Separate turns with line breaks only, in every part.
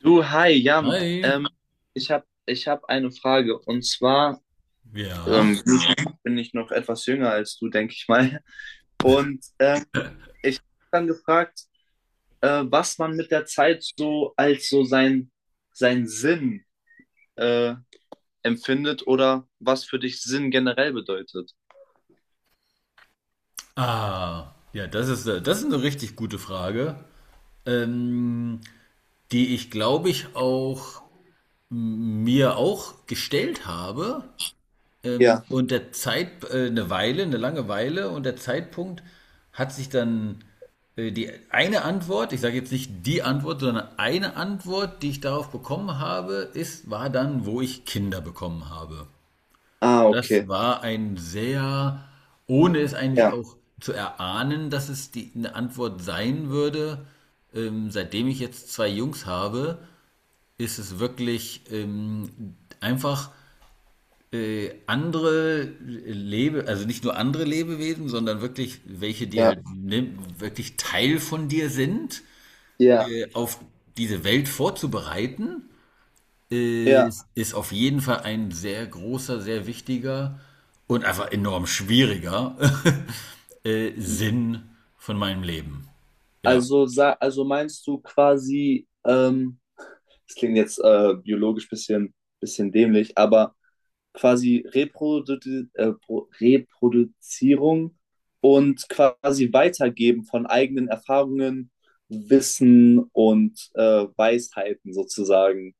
Du, hi, Jan.
Hi,
Ich hab eine Frage. Und zwar
ja.
ähm, bin ich noch etwas jünger als du, denke ich mal. Und ich habe dann gefragt, was man mit der Zeit so als sein Sinn äh, empfindet oder was für dich Sinn generell bedeutet.
Ah, ja, das ist eine richtig gute Frage, ähm, die ich, glaube ich, auch mir auch gestellt habe.
Ja,
Und der Zeit, eine Weile, eine lange Weile und der Zeitpunkt hat sich dann die eine Antwort, ich sage jetzt nicht die Antwort, sondern eine Antwort, die ich darauf bekommen habe, ist, war dann, wo ich Kinder bekommen habe.
ah,
Das
okay.
war ein sehr, ohne es eigentlich
Ja,
auch zu erahnen, dass es die, eine Antwort sein würde. Seitdem ich jetzt 2 Jungs habe, ist es wirklich einfach andere Lebe, also nicht nur andere Lebewesen, sondern wirklich welche, die halt
ja,
ne, wirklich Teil von dir sind,
ja,
auf diese Welt vorzubereiten
ja.
ist, ist auf jeden Fall ein sehr großer, sehr wichtiger und einfach enorm schwieriger Sinn von meinem Leben. Ja.
Also, also meinst du quasi, das klingt jetzt biologisch bisschen, bisschen dämlich, aber quasi äh, Reproduzierung und quasi Weitergeben von eigenen Erfahrungen, Wissen und Weisheiten sozusagen.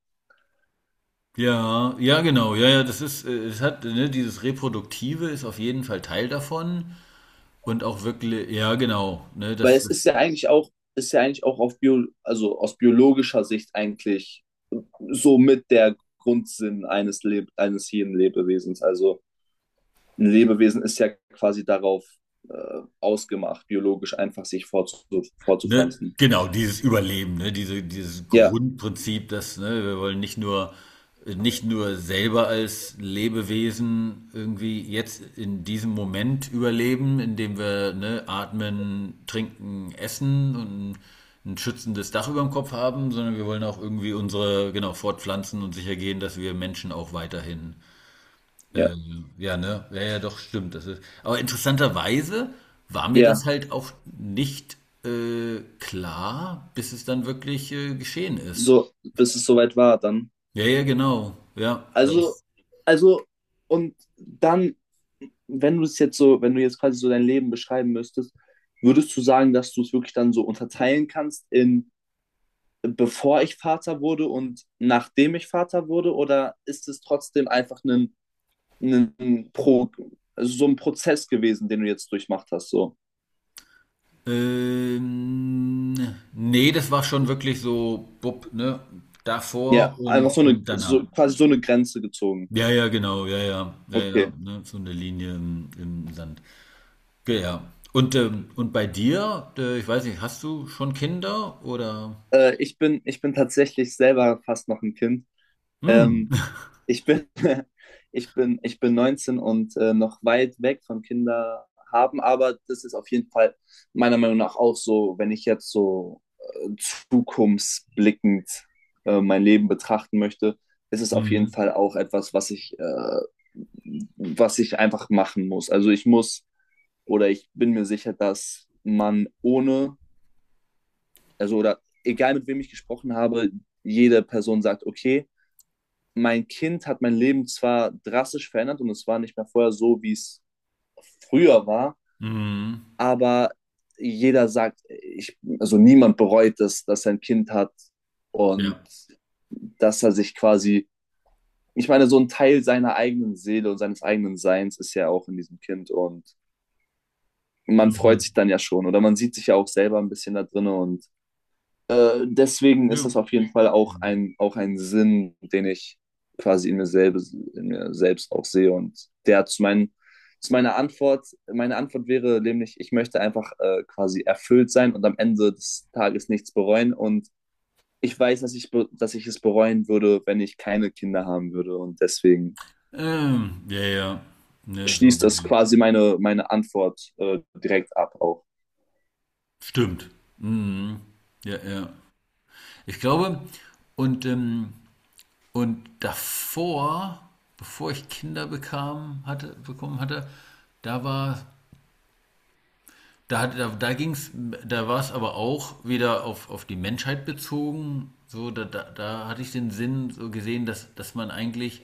Ja, ja, genau. Ja, ja, das ist, es hat, ne, dieses Reproduktive ist auf jeden Fall Teil davon. Und auch wirklich, ja, genau, ne,
Weil
das,
es
das
ist ja eigentlich auch, ist ja eigentlich auch auf also aus biologischer Sicht eigentlich so mit der Grundsinn eines jeden Lebewesens. Also ein Lebewesen ist ja quasi darauf ausgemacht, biologisch einfach sich
Ne,
fortzupflanzen.
genau, dieses Überleben, ne, diese, dieses
Ja,
Grundprinzip, dass, ne, wir wollen nicht nur, nicht nur selber als Lebewesen irgendwie jetzt in diesem Moment überleben, indem wir, ne, atmen, trinken, essen und ein schützendes Dach über dem Kopf haben, sondern wir wollen auch irgendwie unsere, genau, fortpflanzen und sicher gehen, dass wir Menschen auch weiterhin
ja,
ja, ne? Ja, ja, doch, stimmt. Das ist, aber interessanterweise war mir das
ja.
halt auch nicht klar, bis es dann wirklich geschehen ist.
So, bis es soweit war dann.
Ja, ja, genau. Ja,
Also,
das.
also, und dann, wenn du es jetzt so, wenn du jetzt quasi so dein Leben beschreiben müsstest, würdest du sagen, dass du es wirklich dann so unterteilen kannst in: bevor ich Vater wurde und nachdem ich Vater wurde? Oder ist es trotzdem einfach ein Pro, also so ein Prozess gewesen, den du jetzt durchmacht hast? So.
Ähm, nee, das war schon wirklich so, bupp, ne?
Ja,
Davor
einfach so eine,
und danach.
so, quasi so eine Grenze gezogen.
Ja, ja, genau, ja, ja, ja, ja,
Okay.
ne? So eine Linie im, im Sand. Ja, ja. Und bei dir, ich weiß nicht, hast du schon Kinder oder?
Ich bin tatsächlich selber fast noch ein Kind.
Hm.
Ähm, ich bin, ich bin 19 und noch weit weg von Kinder haben, aber das ist auf jeden Fall meiner Meinung nach auch so. Wenn ich jetzt so zukunftsblickend mein Leben betrachten möchte, ist es auf jeden
Mhm.
Fall auch etwas, was ich, was ich einfach machen muss. Also ich muss, oder ich bin mir sicher, dass man ohne, also oder egal mit wem ich gesprochen habe, jede Person sagt: okay, mein Kind hat mein Leben zwar drastisch verändert und es war nicht mehr vorher so, wie es früher war,
Mhm.
aber jeder sagt, ich, also niemand bereut es, dass er ein Kind hat, und
Ja.
dass er sich quasi, ich meine, so ein Teil seiner eigenen Seele und seines eigenen Seins ist ja auch in diesem Kind, und man freut
Mhm.
sich dann ja schon oder man sieht sich ja auch selber ein bisschen da drin. Und deswegen ist
Ja.
das auf jeden Fall auch ein Sinn, den ich quasi in mir selbst auch sehe. Und der hat zu meinen, zu meiner Antwort, meine Antwort wäre nämlich: ich möchte einfach quasi erfüllt sein und am Ende des Tages nichts bereuen. Und ich weiß, dass dass ich es bereuen würde, wenn ich keine Kinder haben würde. Und deswegen
Ja, ja. Ne, so
schließt das
gesehen.
quasi meine, meine Antwort direkt ab auch.
Stimmt. Mhm. Ja, ja. Ich glaube, und, ähm, und davor, bevor ich Kinder bekam, hatte, bekommen hatte, da war, da hatte, da, da ging's, da war es aber auch wieder auf die Menschheit bezogen. So, da, da, da hatte ich den Sinn so gesehen, dass, dass man eigentlich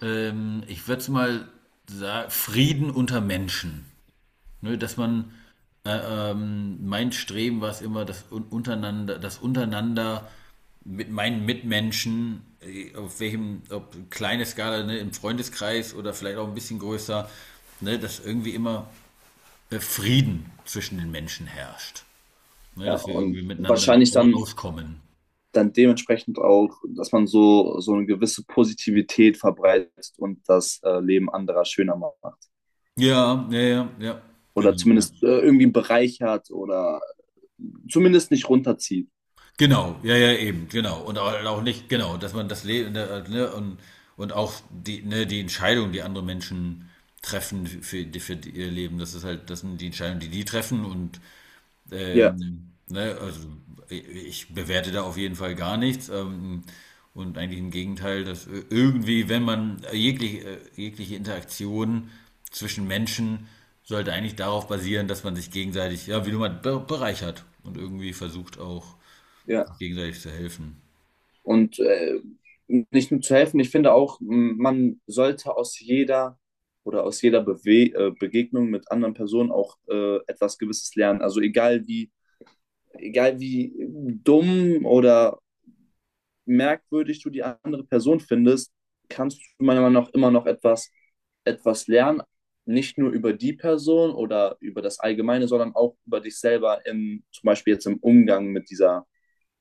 ich würde es mal sagen, Frieden unter Menschen. Ne, dass man, mein Streben war es immer, das untereinander mit meinen Mitmenschen, auf welchem, ob kleine Skala, ne, im Freundeskreis oder vielleicht auch ein bisschen größer, ne, dass irgendwie immer Frieden zwischen den Menschen herrscht. Ne,
Ja,
dass wir irgendwie
und
miteinander
wahrscheinlich dann
auskommen.
dann dementsprechend auch, dass man so, so eine gewisse Positivität verbreitet und das Leben anderer schöner macht.
Ja, ja, ja, ja,
Oder
genau. Ja.
zumindest irgendwie einen Bereich hat oder zumindest nicht runterzieht.
Genau, ja, ja, eben, genau. Und auch, auch nicht, genau, dass man das Leben, ne, ne, und auch die, ne, die Entscheidung, die andere Menschen treffen für die- ihr Leben, das ist halt, das sind die Entscheidungen, die die treffen und,
Ja,
ne, also ich ich bewerte da auf jeden Fall gar nichts. Und eigentlich im Gegenteil, dass irgendwie, wenn man jegliche, jegliche Interaktion zwischen Menschen sollte eigentlich darauf basieren, dass man sich gegenseitig, ja, wie du mal, bereichert und irgendwie versucht auch sich
ja.
gegenseitig zu helfen.
Und nicht nur zu helfen, ich finde auch, man sollte aus jeder oder aus jeder Bewe Begegnung mit anderen Personen auch etwas Gewisses lernen. Also egal wie dumm oder merkwürdig du die andere Person findest, kannst du meiner Meinung nach immer noch etwas, etwas lernen. Nicht nur über die Person oder über das Allgemeine, sondern auch über dich selber, im, zum Beispiel jetzt im Umgang mit dieser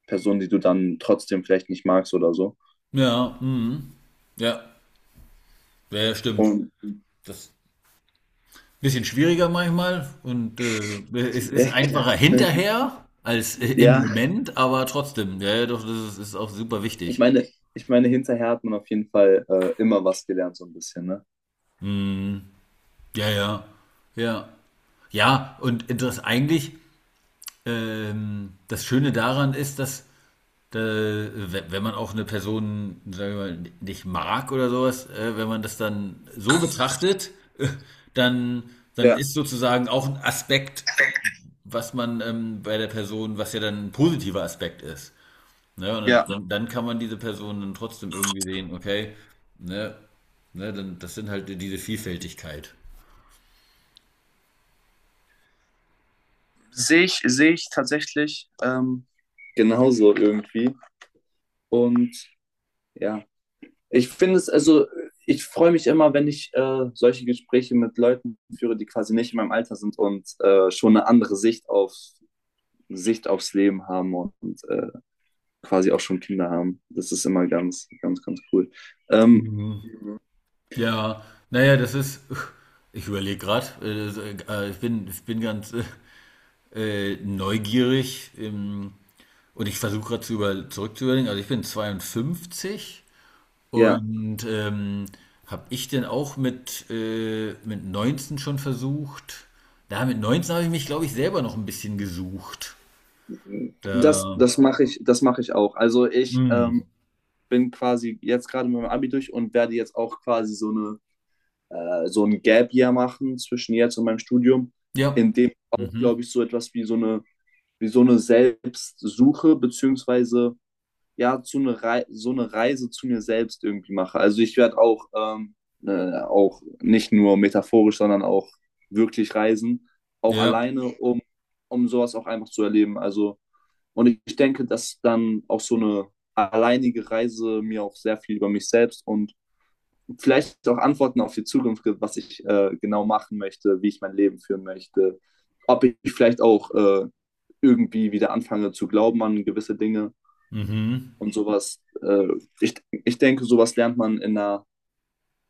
Person, die du dann trotzdem vielleicht nicht magst oder so.
Ja, mhm. Ja, ja, ja, stimmt.
Und
Das ist ein bisschen schwieriger manchmal und es ist einfacher hinterher als im
ja,
Moment, aber trotzdem, ja, ja, doch, das ist, ist auch super
ich
wichtig.
meine, ich meine, hinterher hat man auf jeden Fall immer was gelernt, so ein bisschen, ne?
Ja, ja, ja. Ja, und das eigentlich, das Schöne daran ist, dass wenn man auch eine Person, sagen wir mal, nicht mag oder sowas, wenn man das dann so betrachtet, äh, dann, dann
Ja,
ist sozusagen auch ein Aspekt, was man bei der Person, was ja dann ein positiver Aspekt ist. Ne? Und dann,
ja.
dann kann man diese Person dann trotzdem irgendwie sehen, okay, ne, ne, dann, das sind halt diese Vielfältigkeit.
Sehe ich tatsächlich genauso irgendwie. Und ja, ich finde es, also ich freue mich immer, wenn ich solche Gespräche mit Leuten führe, die quasi nicht in meinem Alter sind und schon eine andere Sicht auf Sicht aufs Leben haben, und quasi auch schon Kinder haben. Das ist immer ganz, ganz, ganz cool. Ähm,
Mhm. Ja, naja, das ist, ich überlege gerade, das, ich bin ganz, neugierig und ich versuche gerade zu über zurückzuüberlegen. Also ich bin 52
ja,
und habe ich denn auch mit 19 schon versucht? Da mit 19 habe ich mich, glaube ich, selber noch ein bisschen gesucht.
das,
Da,
das mache ich auch. Also ich
mh,
bin quasi jetzt gerade mit meinem Abi durch und werde jetzt auch quasi so ein Gap Year machen zwischen jetzt und meinem Studium,
ja,
in dem auch, glaube
mhm,
ich, so etwas wie so eine Selbstsuche, beziehungsweise ja, zu eine Rei so eine Reise zu mir selbst irgendwie mache. Also ich werde auch, auch nicht nur metaphorisch, sondern auch wirklich reisen, auch
ja,
alleine, um, um sowas auch einfach zu erleben. Also, und ich denke, dass dann auch so eine alleinige Reise mir auch sehr viel über mich selbst und vielleicht auch Antworten auf die Zukunft gibt, was ich genau machen möchte, wie ich mein Leben führen möchte, ob ich vielleicht auch irgendwie wieder anfange zu glauben an gewisse Dinge
mhm.
und sowas. Ich, ich denke, sowas lernt man in einer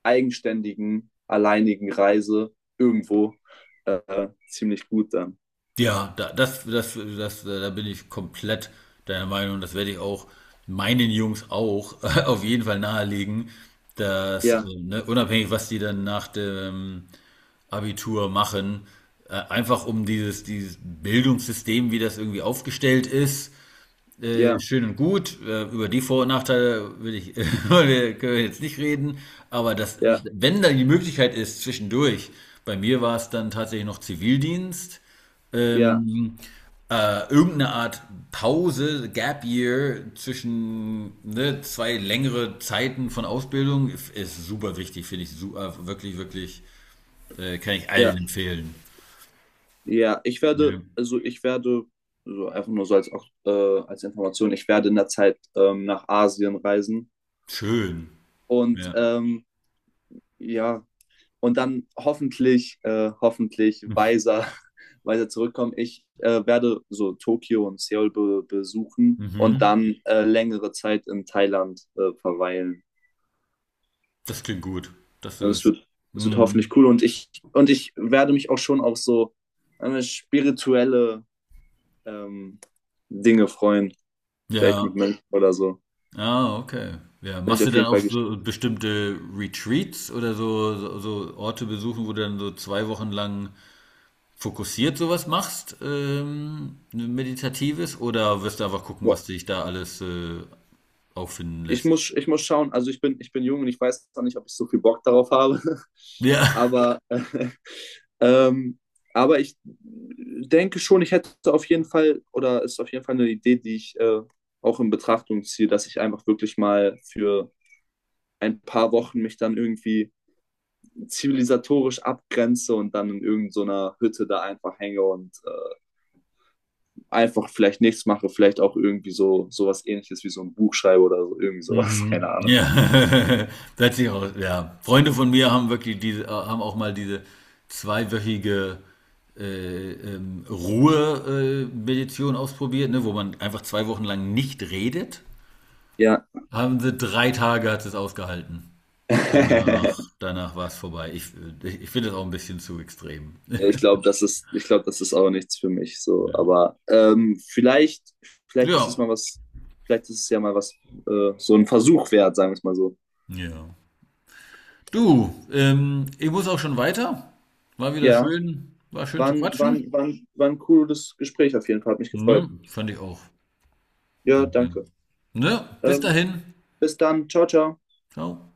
eigenständigen, alleinigen Reise irgendwo ziemlich gut dann.
Ja, da, das, das, das, da bin ich komplett deiner Meinung. Das werde ich auch meinen Jungs auch auf jeden Fall nahelegen, dass,
Ja,
ne, unabhängig, was die dann nach dem Abitur machen, einfach um dieses, dieses Bildungssystem, wie das irgendwie aufgestellt ist,
ja,
schön und gut. Über die Vor- und Nachteile will ich, können wir jetzt nicht reden. Aber das,
ja,
wenn dann die Möglichkeit ist, zwischendurch, bei mir war es dann tatsächlich noch Zivildienst,
ja,
ähm, irgendeine Art Pause, Gap Year zwischen ne, zwei längere Zeiten von Ausbildung ist, ist super wichtig, finde ich super, wirklich, wirklich, kann ich allen
ja,
empfehlen.
ja. Ich werde,
Ja.
also ich werde so einfach nur so als, auch, als Information, ich werde in der Zeit nach Asien reisen.
Schön.
Und
Ja.
ja, und dann hoffentlich, hoffentlich weiser, weiser zurückkommen. Ich werde so Tokio und Seoul be besuchen und
Mhm.
dann längere Zeit in Thailand verweilen.
Das klingt gut. Das
Und
ist.
es wird
Mhm.
hoffentlich cool. Und ich werde mich auch schon auf so spirituelle ähm, Dinge freuen. Vielleicht
Ja.
mit Mönchen oder so.
Ah, okay. Ja.
Bin ich
Machst du
auf
dann
jeden
auch
Fall
so bestimmte Retreats oder so, so, so Orte besuchen, wo du dann so 2 Wochen lang fokussiert sowas machst, meditatives, oder wirst du einfach gucken, was
gespannt.
dich da alles auffinden
Ich
lässt?
muss, ich muss schauen, also ich bin jung und ich weiß noch nicht, ob ich so viel Bock darauf habe.
Ja.
Aber, ähm, aber ich denke schon, ich hätte auf jeden Fall, oder ist auf jeden Fall eine Idee, die ich auch in Betrachtung ziehe, dass ich einfach wirklich mal für ein paar Wochen mich dann irgendwie zivilisatorisch abgrenze und dann in irgendeiner Hütte da einfach hänge und einfach vielleicht nichts mache, vielleicht auch irgendwie so sowas Ähnliches wie so ein Buch schreibe oder so, irgendwie sowas,
Mhm.
keine Ahnung.
Ja, da hat sich auch ja. Freunde von mir haben wirklich diese, haben auch mal diese zweiwöchige Ruhe-Meditation ausprobiert, ne, wo man einfach 2 Wochen lang nicht redet.
Ja.
Haben sie 3 Tage hat es ausgehalten. Danach, danach war es vorbei. Ich, ich finde das auch ein bisschen zu extrem.
Ja, ich glaube, das ist, ich glaube, das ist auch nichts für mich so. Aber vielleicht, vielleicht ist es
Ja,
mal was, vielleicht ist es ja mal was, so ein Versuch wert, sagen wir es mal so.
ja. Du, ich muss auch schon weiter. War wieder
Ja,
schön, war schön
war
zu
ein, war
quatschen.
ein, war ein, war ein cooles Gespräch auf jeden Fall, hat mich gefreut.
Ne, fand ich auch.
Ja,
Danke.
danke.
Ne, bis
Ähm,
dahin.
bis dann, ciao, ciao.
Ciao.